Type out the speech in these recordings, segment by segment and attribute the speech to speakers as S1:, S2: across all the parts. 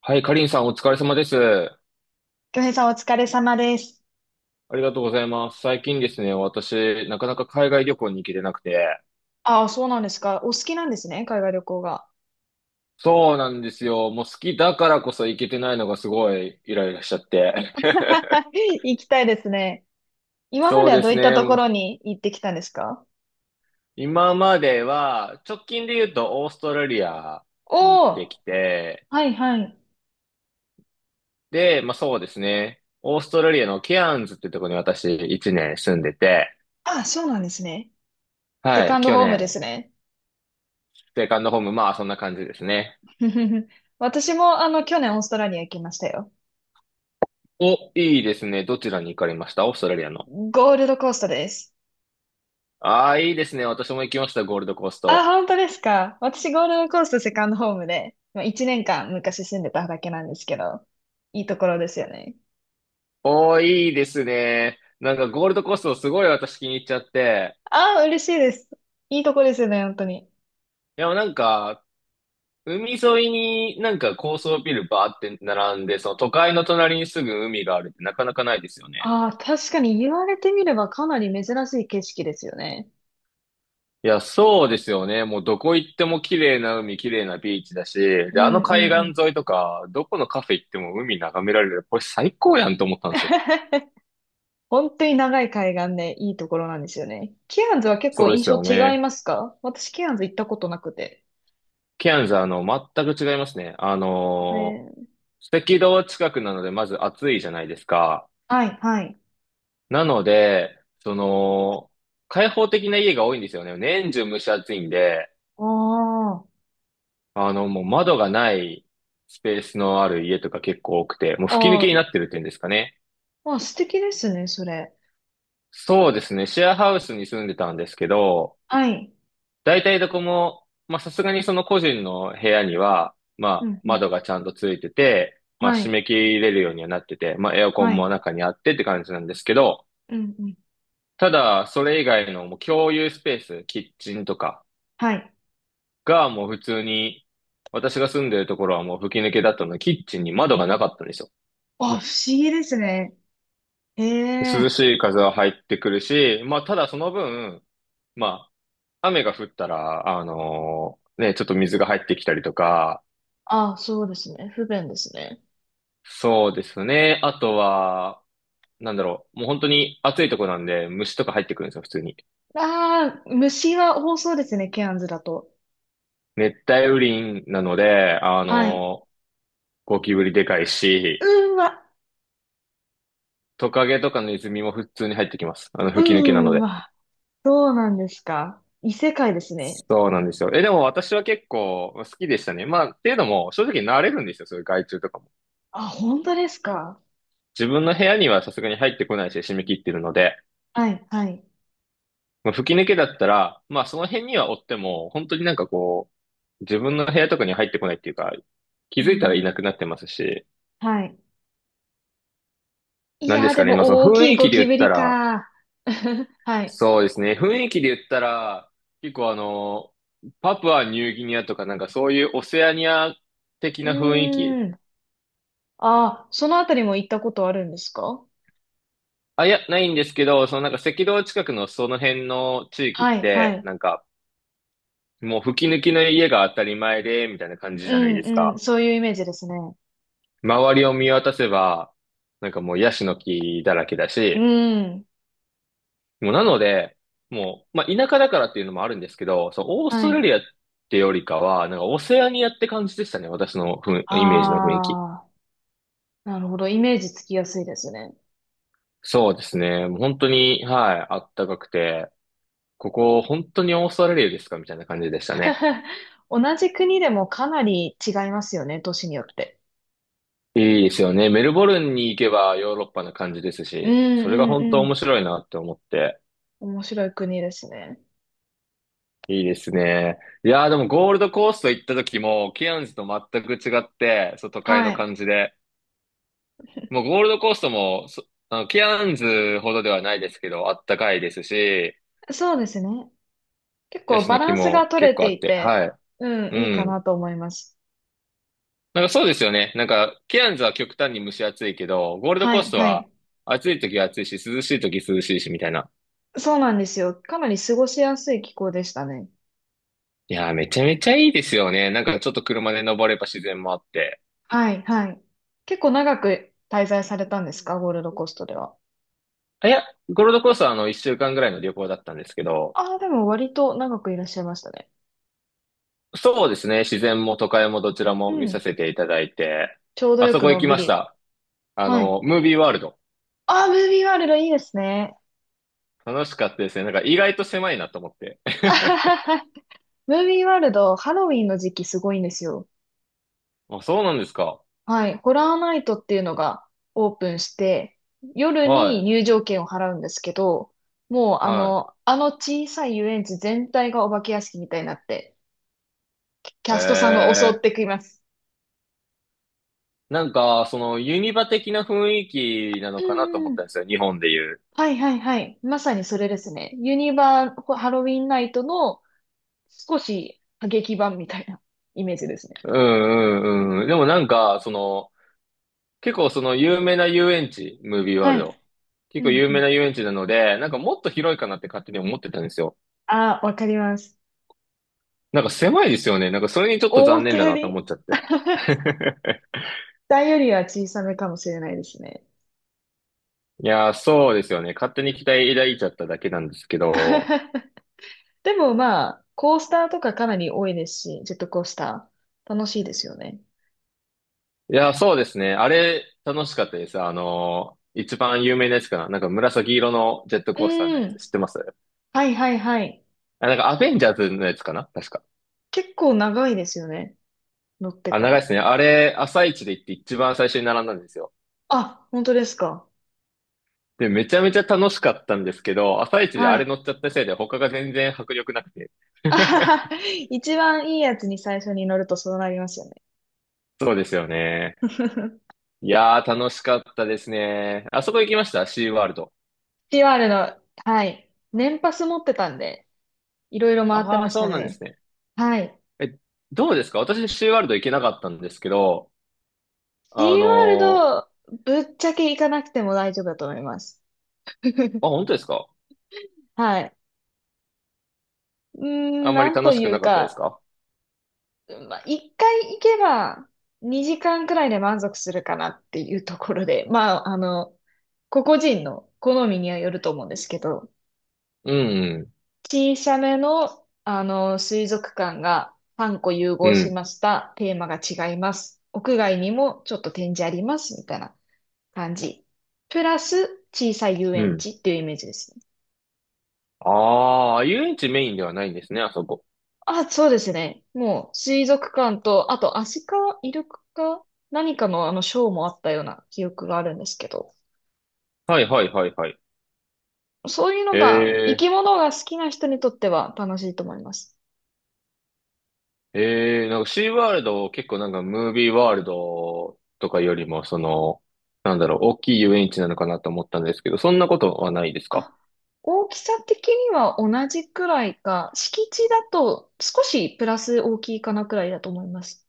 S1: はい、かりんさんお疲れ様です。
S2: 京平さんお疲れ様です。
S1: ありがとうございます。最近ですね、私、なかなか海外旅行に行けてなくて。
S2: ああ、そうなんですか。お好きなんですね、海外旅行が。
S1: そうなんですよ。もう好きだからこそ行けてないのがすごいイライラしちゃって。
S2: 行きたいですね。今ま
S1: そ
S2: で
S1: う
S2: は
S1: で
S2: どう
S1: す
S2: いったとこ
S1: ね。
S2: ろに行ってきたんですか？
S1: 今までは、直近で言うとオーストラリアに行っ
S2: お
S1: てき
S2: お
S1: て、
S2: ー、はいはい。
S1: で、まあそうですね。オーストラリアのケアンズってとこに私1年住んでて、
S2: ああ、そうなんですね。セ
S1: は
S2: カ
S1: い、
S2: ンド
S1: 去
S2: ホームで
S1: 年、
S2: すね。
S1: セカンドホーム、まあそんな感じですね。
S2: 私も、去年オーストラリア行きましたよ。
S1: お、いいですね。どちらに行かれましたオーストラリアの？
S2: ゴールドコーストです。
S1: ああ、いいですね。私も行きました、ゴールドコース
S2: あ、
S1: ト。
S2: 本当ですか？私、ゴールドコーストセカンドホームで、まあ、1年間昔住んでただけなんですけど、いいところですよね。
S1: おー、いいですね。なんかゴールドコーストすごい私気に入っちゃって。
S2: あ、嬉しいです。いいとこですよね、本当に。
S1: いや、なんか、海沿いになんか高層ビルバーって並んで、その都会の隣にすぐ海があるってなかなかないですよね。
S2: ああ、確かに言われてみればかなり珍しい景色ですよね。
S1: いや、そうですよね。もうどこ行っても綺麗な海、綺麗なビーチだし、
S2: う
S1: で、
S2: ん
S1: あの
S2: う
S1: 海
S2: んう
S1: 岸
S2: ん。
S1: 沿いとか、どこのカフェ行っても海眺められる。これ最高やんと思ったんですよ。
S2: 本当に長い海岸でいいところなんですよね。ケアンズは結
S1: そ
S2: 構
S1: うで
S2: 印
S1: す
S2: 象
S1: よ
S2: 違い
S1: ね。
S2: ますか？私ケアンズ行ったことなくて。
S1: ケアンズ、全く違いますね。
S2: えー、
S1: 赤道近くなので、まず暑いじゃないですか。
S2: はい、はい。
S1: なので、開放的な家が多いんですよね。年中蒸し暑いんで、
S2: あ
S1: もう窓がないスペースのある家とか結構多くて、もう
S2: あ、
S1: 吹き抜
S2: あ
S1: けに
S2: あ、
S1: なってるっていうんですかね。
S2: まあ素敵ですね、それ。
S1: そうですね。シェアハウスに住んでたんですけど、
S2: はい。
S1: 大体どこも、まあ、さすがにその個人の部屋には、ま
S2: う
S1: あ、
S2: んうん。
S1: 窓がちゃんとついてて、まあ、
S2: は
S1: 締
S2: い、
S1: め切れるようにはなってて、まあ、エアコ
S2: は
S1: ンも
S2: い。
S1: 中にあってって感じなんですけど、
S2: うんうん。
S1: ただ、それ以外のもう共有スペース、キッチンとか
S2: はい。
S1: がもう普通に、私が住んでるところはもう吹き抜けだったので、キッチンに窓がなかったんですよ。
S2: あ、不思議ですね。え
S1: 涼
S2: え、
S1: しい風は入ってくるし、まあ、ただその分、まあ、雨が降ったら、あのね、ちょっと水が入ってきたりとか、
S2: ああ、そうですね。不便ですね。
S1: そうですね。あとは、なんだろう。もう本当に暑いとこなんで、虫とか入ってくるんですよ、普通に。
S2: ああ、虫は多そうですね、ケアンズだと。
S1: 熱帯雨林なので、
S2: はい。
S1: ゴキブリでかい
S2: う
S1: し、
S2: ーわ、
S1: トカゲとかのネズミも普通に入ってきます。吹き抜けなの
S2: うー
S1: で。
S2: わ、そうなんですか。異世界ですね。
S1: そうなんですよ。でも私は結構好きでしたね。まあ、っていうのも、正直慣れるんですよ、そういう害虫とかも。
S2: あ、本当ですか？
S1: 自分の部屋にはさすがに入ってこないし、締め切ってるので。
S2: はい、はい。
S1: まあ、吹き抜けだったら、まあその辺には追っても、本当になんかこう、自分の部屋とかに入ってこないっていうか、
S2: う
S1: 気づいたらい
S2: ん、
S1: なくなってますし、
S2: はい。い
S1: なんで
S2: やー、
S1: す
S2: で
S1: かね、まあその
S2: も大
S1: 雰
S2: きい
S1: 囲
S2: ゴ
S1: 気で
S2: キ
S1: 言
S2: ブ
S1: った
S2: リ
S1: ら、
S2: か。はい。
S1: そうですね、雰囲気で言ったら、結構パプアニューギニアとかなんかそういうオセアニア的
S2: う
S1: な雰囲気、
S2: ーん。あ、そのあたりも行ったことあるんですか？
S1: あ、いや、ないんですけど、そのなんか赤道近くのその辺の地域っ
S2: はい、は
S1: て、
S2: い。
S1: なんかもう吹き抜きの家が当たり前で、みたいな感じ
S2: う
S1: じゃないです
S2: ん、うん。
S1: か。
S2: そういうイメージですね。
S1: 周りを見渡せば、なんかもうヤシの木だらけだ
S2: う
S1: し、
S2: ん。
S1: もうなので、もう、まあ、田舎だからっていうのもあるんですけど、そう、オース
S2: は
S1: トラ
S2: い。
S1: リアってよりかは、なんかオセアニアって感じでしたね、私のふんイメージの雰囲気。
S2: ああ、なるほど。イメージつきやすいですね。
S1: そうですね、もう本当に、はい、あったかくて、ここ本当にオーストラリアですかみたいな感じでしたね。
S2: 同じ国でもかなり違いますよね、都市によって。
S1: いいですよね。メルボルンに行けばヨーロッパな感じです
S2: うん
S1: し、それが
S2: うん
S1: 本当
S2: うん。
S1: 面白いなって思って。
S2: 面白い国ですね。
S1: いいですね。いやーでもゴールドコースト行った時も、ケアンズと全く違って、そう、都会
S2: は
S1: の
S2: い。
S1: 感じで。もうゴールドコーストも、そ、あの、ケアンズほどではないですけど、あったかいですし、
S2: そうですね。結
S1: ヤ
S2: 構
S1: シ
S2: バ
S1: の木
S2: ランスが
S1: も
S2: 取
S1: 結
S2: れ
S1: 構あ
S2: て
S1: っ
S2: い
S1: て、
S2: て、
S1: はい。
S2: うん、
S1: う
S2: いいか
S1: ん。
S2: なと思います。
S1: なんかそうですよね。なんか、ケアンズは極端に蒸し暑いけど、ゴールド
S2: は
S1: コース
S2: い、
S1: ト
S2: は
S1: は
S2: い。
S1: 暑い時は暑いし、涼しい時涼しいし、みたいな。
S2: そうなんですよ。かなり過ごしやすい気候でしたね。
S1: いやーめちゃめちゃいいですよね。なんかちょっと車で登れば自然もあって。
S2: はい、はい。結構長く滞在されたんですか、ゴールドコーストでは。
S1: あ、いや、ゴールドコーストは一週間ぐらいの旅行だったんですけど、
S2: ああ、でも割と長くいらっしゃいましたね。
S1: そうですね。自然も都会もどちら
S2: う
S1: も見さ
S2: ん。
S1: せていただいて、
S2: ちょうど
S1: あ
S2: よ
S1: そ
S2: く
S1: こ
S2: の
S1: 行き
S2: んび
S1: まし
S2: り。
S1: た。
S2: はい。
S1: ムービーワールド。
S2: ああ、ムービーワールドいいですね。
S1: 楽しかったですね。なんか意外と狭いなと思って。
S2: あはははムービーワールド、ハロウィンの時期すごいんですよ。
S1: あ、そうなんですか。
S2: はい。ホラーナイトっていうのがオープンして、夜に
S1: は
S2: 入場券を払うんですけど、もう
S1: い。
S2: あ
S1: は
S2: の、あの小さい遊園地全体がお化け屋敷みたいになって、キ
S1: い。え
S2: ャストさんが襲っ
S1: ー。
S2: てきます。
S1: なんか、ユニバ的な雰囲気な
S2: う
S1: のかなと
S2: ん
S1: 思
S2: う
S1: ったん
S2: ん。
S1: ですよ。日本でいう。
S2: はいはいはい。まさにそれですね。ユニバーハロウィンナイトの少し過激版みたいな イメージですね。
S1: うんうんうん。でもなんか、結構その有名な遊園地、ムービーワー
S2: は
S1: ルド。
S2: い。
S1: 結
S2: う
S1: 構
S2: ん
S1: 有
S2: う
S1: 名な
S2: ん。
S1: 遊園地なので、なんかもっと広いかなって勝手に思ってたんですよ。
S2: ああ、わかります。
S1: なんか狭いですよね。なんかそれにちょっと
S2: 思
S1: 残
S2: った
S1: 念だ
S2: よ
S1: なと思
S2: り、
S1: っちゃって。
S2: 大よりは小さめかもしれないですね。
S1: いやー、そうですよね。勝手に期待抱いちゃっただけなんですけど。
S2: でもまあ、コースターとかかなり多いですし、ジェットコースター。楽しいですよね。
S1: いやー、そうですね。あれ、楽しかったです。一番有名なやつかな。なんか紫色のジェットコースターの
S2: う
S1: やつ、
S2: ん。
S1: 知ってます？
S2: はいはいはい。
S1: あ、なんかアベンジャーズのやつかな確か。
S2: 結構長いですよね。乗って
S1: あ、
S2: か
S1: 長い
S2: ら。
S1: ですね。あれ、朝一で行って一番最初に並んだんですよ。
S2: あ、本当ですか。
S1: で、めちゃめちゃ楽しかったんですけど、朝一であ
S2: は
S1: れ
S2: い。
S1: 乗っちゃったせいで他が全然迫力なくて。
S2: あは は一番いいやつに最初に乗るとそうなりますよね。
S1: そうですよね。いやー、楽しかったですね。あそこ行きましたシーワールド？
S2: シー r の、はい。年パス持ってたんで、いろいろ回って
S1: あ
S2: ま
S1: あ、
S2: し
S1: そ
S2: た
S1: うなんで
S2: ね。
S1: すね。
S2: はい。
S1: え、どうですか？私シーワールド行けなかったんですけど、
S2: シ
S1: あ
S2: ー
S1: の
S2: ワールド、ぶっちゃけ行かなくても大丈夫だと思います。
S1: あ、本当ですか？
S2: はい。うー
S1: あ
S2: ん、
S1: んま
S2: な
S1: り
S2: ん
S1: 楽
S2: と
S1: し
S2: い
S1: く
S2: う
S1: なかったです
S2: か、
S1: か？
S2: まあ、一回行けば2時間くらいで満足するかなっていうところで、個々人の好みにはよると思うんですけど、
S1: うん、
S2: 小さめの、水族館が3個融
S1: う
S2: 合し
S1: ん、
S2: ました。テーマが違います。屋外にもちょっと展示あります。みたいな感じ。プラス小さい遊
S1: う
S2: 園
S1: ん。
S2: 地っていうイメージですね。
S1: ああ、遊園地メインではないんですね、あそこ。
S2: あ、そうですね。もう、水族館と、あと、アシカ、イルカか、何かのショーもあったような記憶があるんですけど、
S1: はいはいはいはい。
S2: そういうのが、生き
S1: え
S2: 物が好きな人にとっては楽しいと思います。
S1: なんかシーワールド結構なんかムービーワールドとかよりも、なんだろう、大きい遊園地なのかなと思ったんですけど、そんなことはないですか？
S2: あ、大きさ的には同じくらいか、敷地だと少しプラス大きいかなくらいだと思います。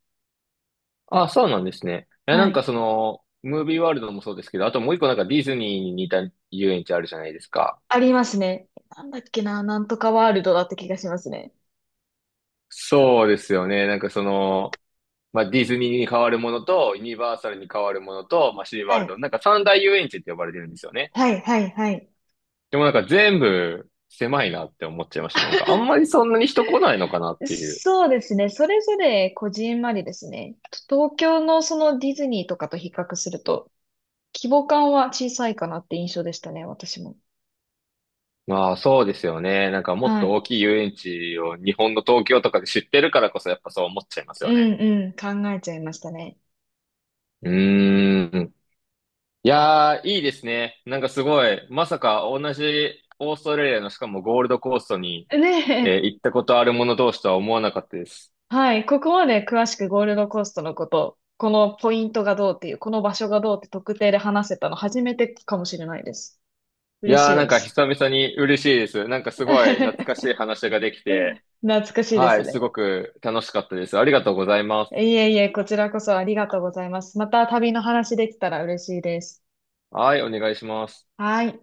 S1: あ、そうなんですね。いや、な
S2: は
S1: んか
S2: い。
S1: ムービーワールドもそうですけど、あともう一個なんかディズニーに似た遊園地あるじゃないですか。
S2: ありますね。なんだっけな、なんとかワールドだった気がしますね。
S1: そうですよね。なんかまあ、ディズニーに変わるものと、ユニバーサルに変わるものと、まあ、シーワ
S2: は
S1: ールド、
S2: い。
S1: なんか三大遊園地って呼ばれてるんですよね。
S2: はい、はい、はい。
S1: でもなんか全部狭いなって思っちゃいました。なんかあんまりそんなに人来ないのかなっていう。
S2: そうですね。それぞれこじんまりですね。と東京のそのディズニーとかと比較すると、規模感は小さいかなって印象でしたね、私も。
S1: まあそうですよね。なんかもっ
S2: は
S1: と
S2: い。
S1: 大きい遊園地を日本の東京とかで知ってるからこそやっぱそう思っちゃいます
S2: う
S1: よね。
S2: んうん、考えちゃいましたね。
S1: うーん。いやー、いいですね。なんかすごい、まさか同じオーストラリアのしかもゴールドコーストに、
S2: ねえ。
S1: 行ったことある者同士とは思わなかったです。
S2: はい。ここまで詳しくゴールドコーストのこと、このポイントがどうっていう、この場所がどうって特定で話せたの初めてかもしれないです。
S1: い
S2: 嬉し
S1: や
S2: い
S1: ー、なん
S2: で
S1: か
S2: す。
S1: 久々に嬉しいです。なんかすごい懐かしい 話ができて、
S2: 懐かしいで
S1: は
S2: す
S1: い、す
S2: ね。
S1: ごく楽しかったです。ありがとうございま
S2: い
S1: す。
S2: えいえ、こちらこそありがとうございます。また旅の話できたら嬉しいです。
S1: はい、お願いします。
S2: はい。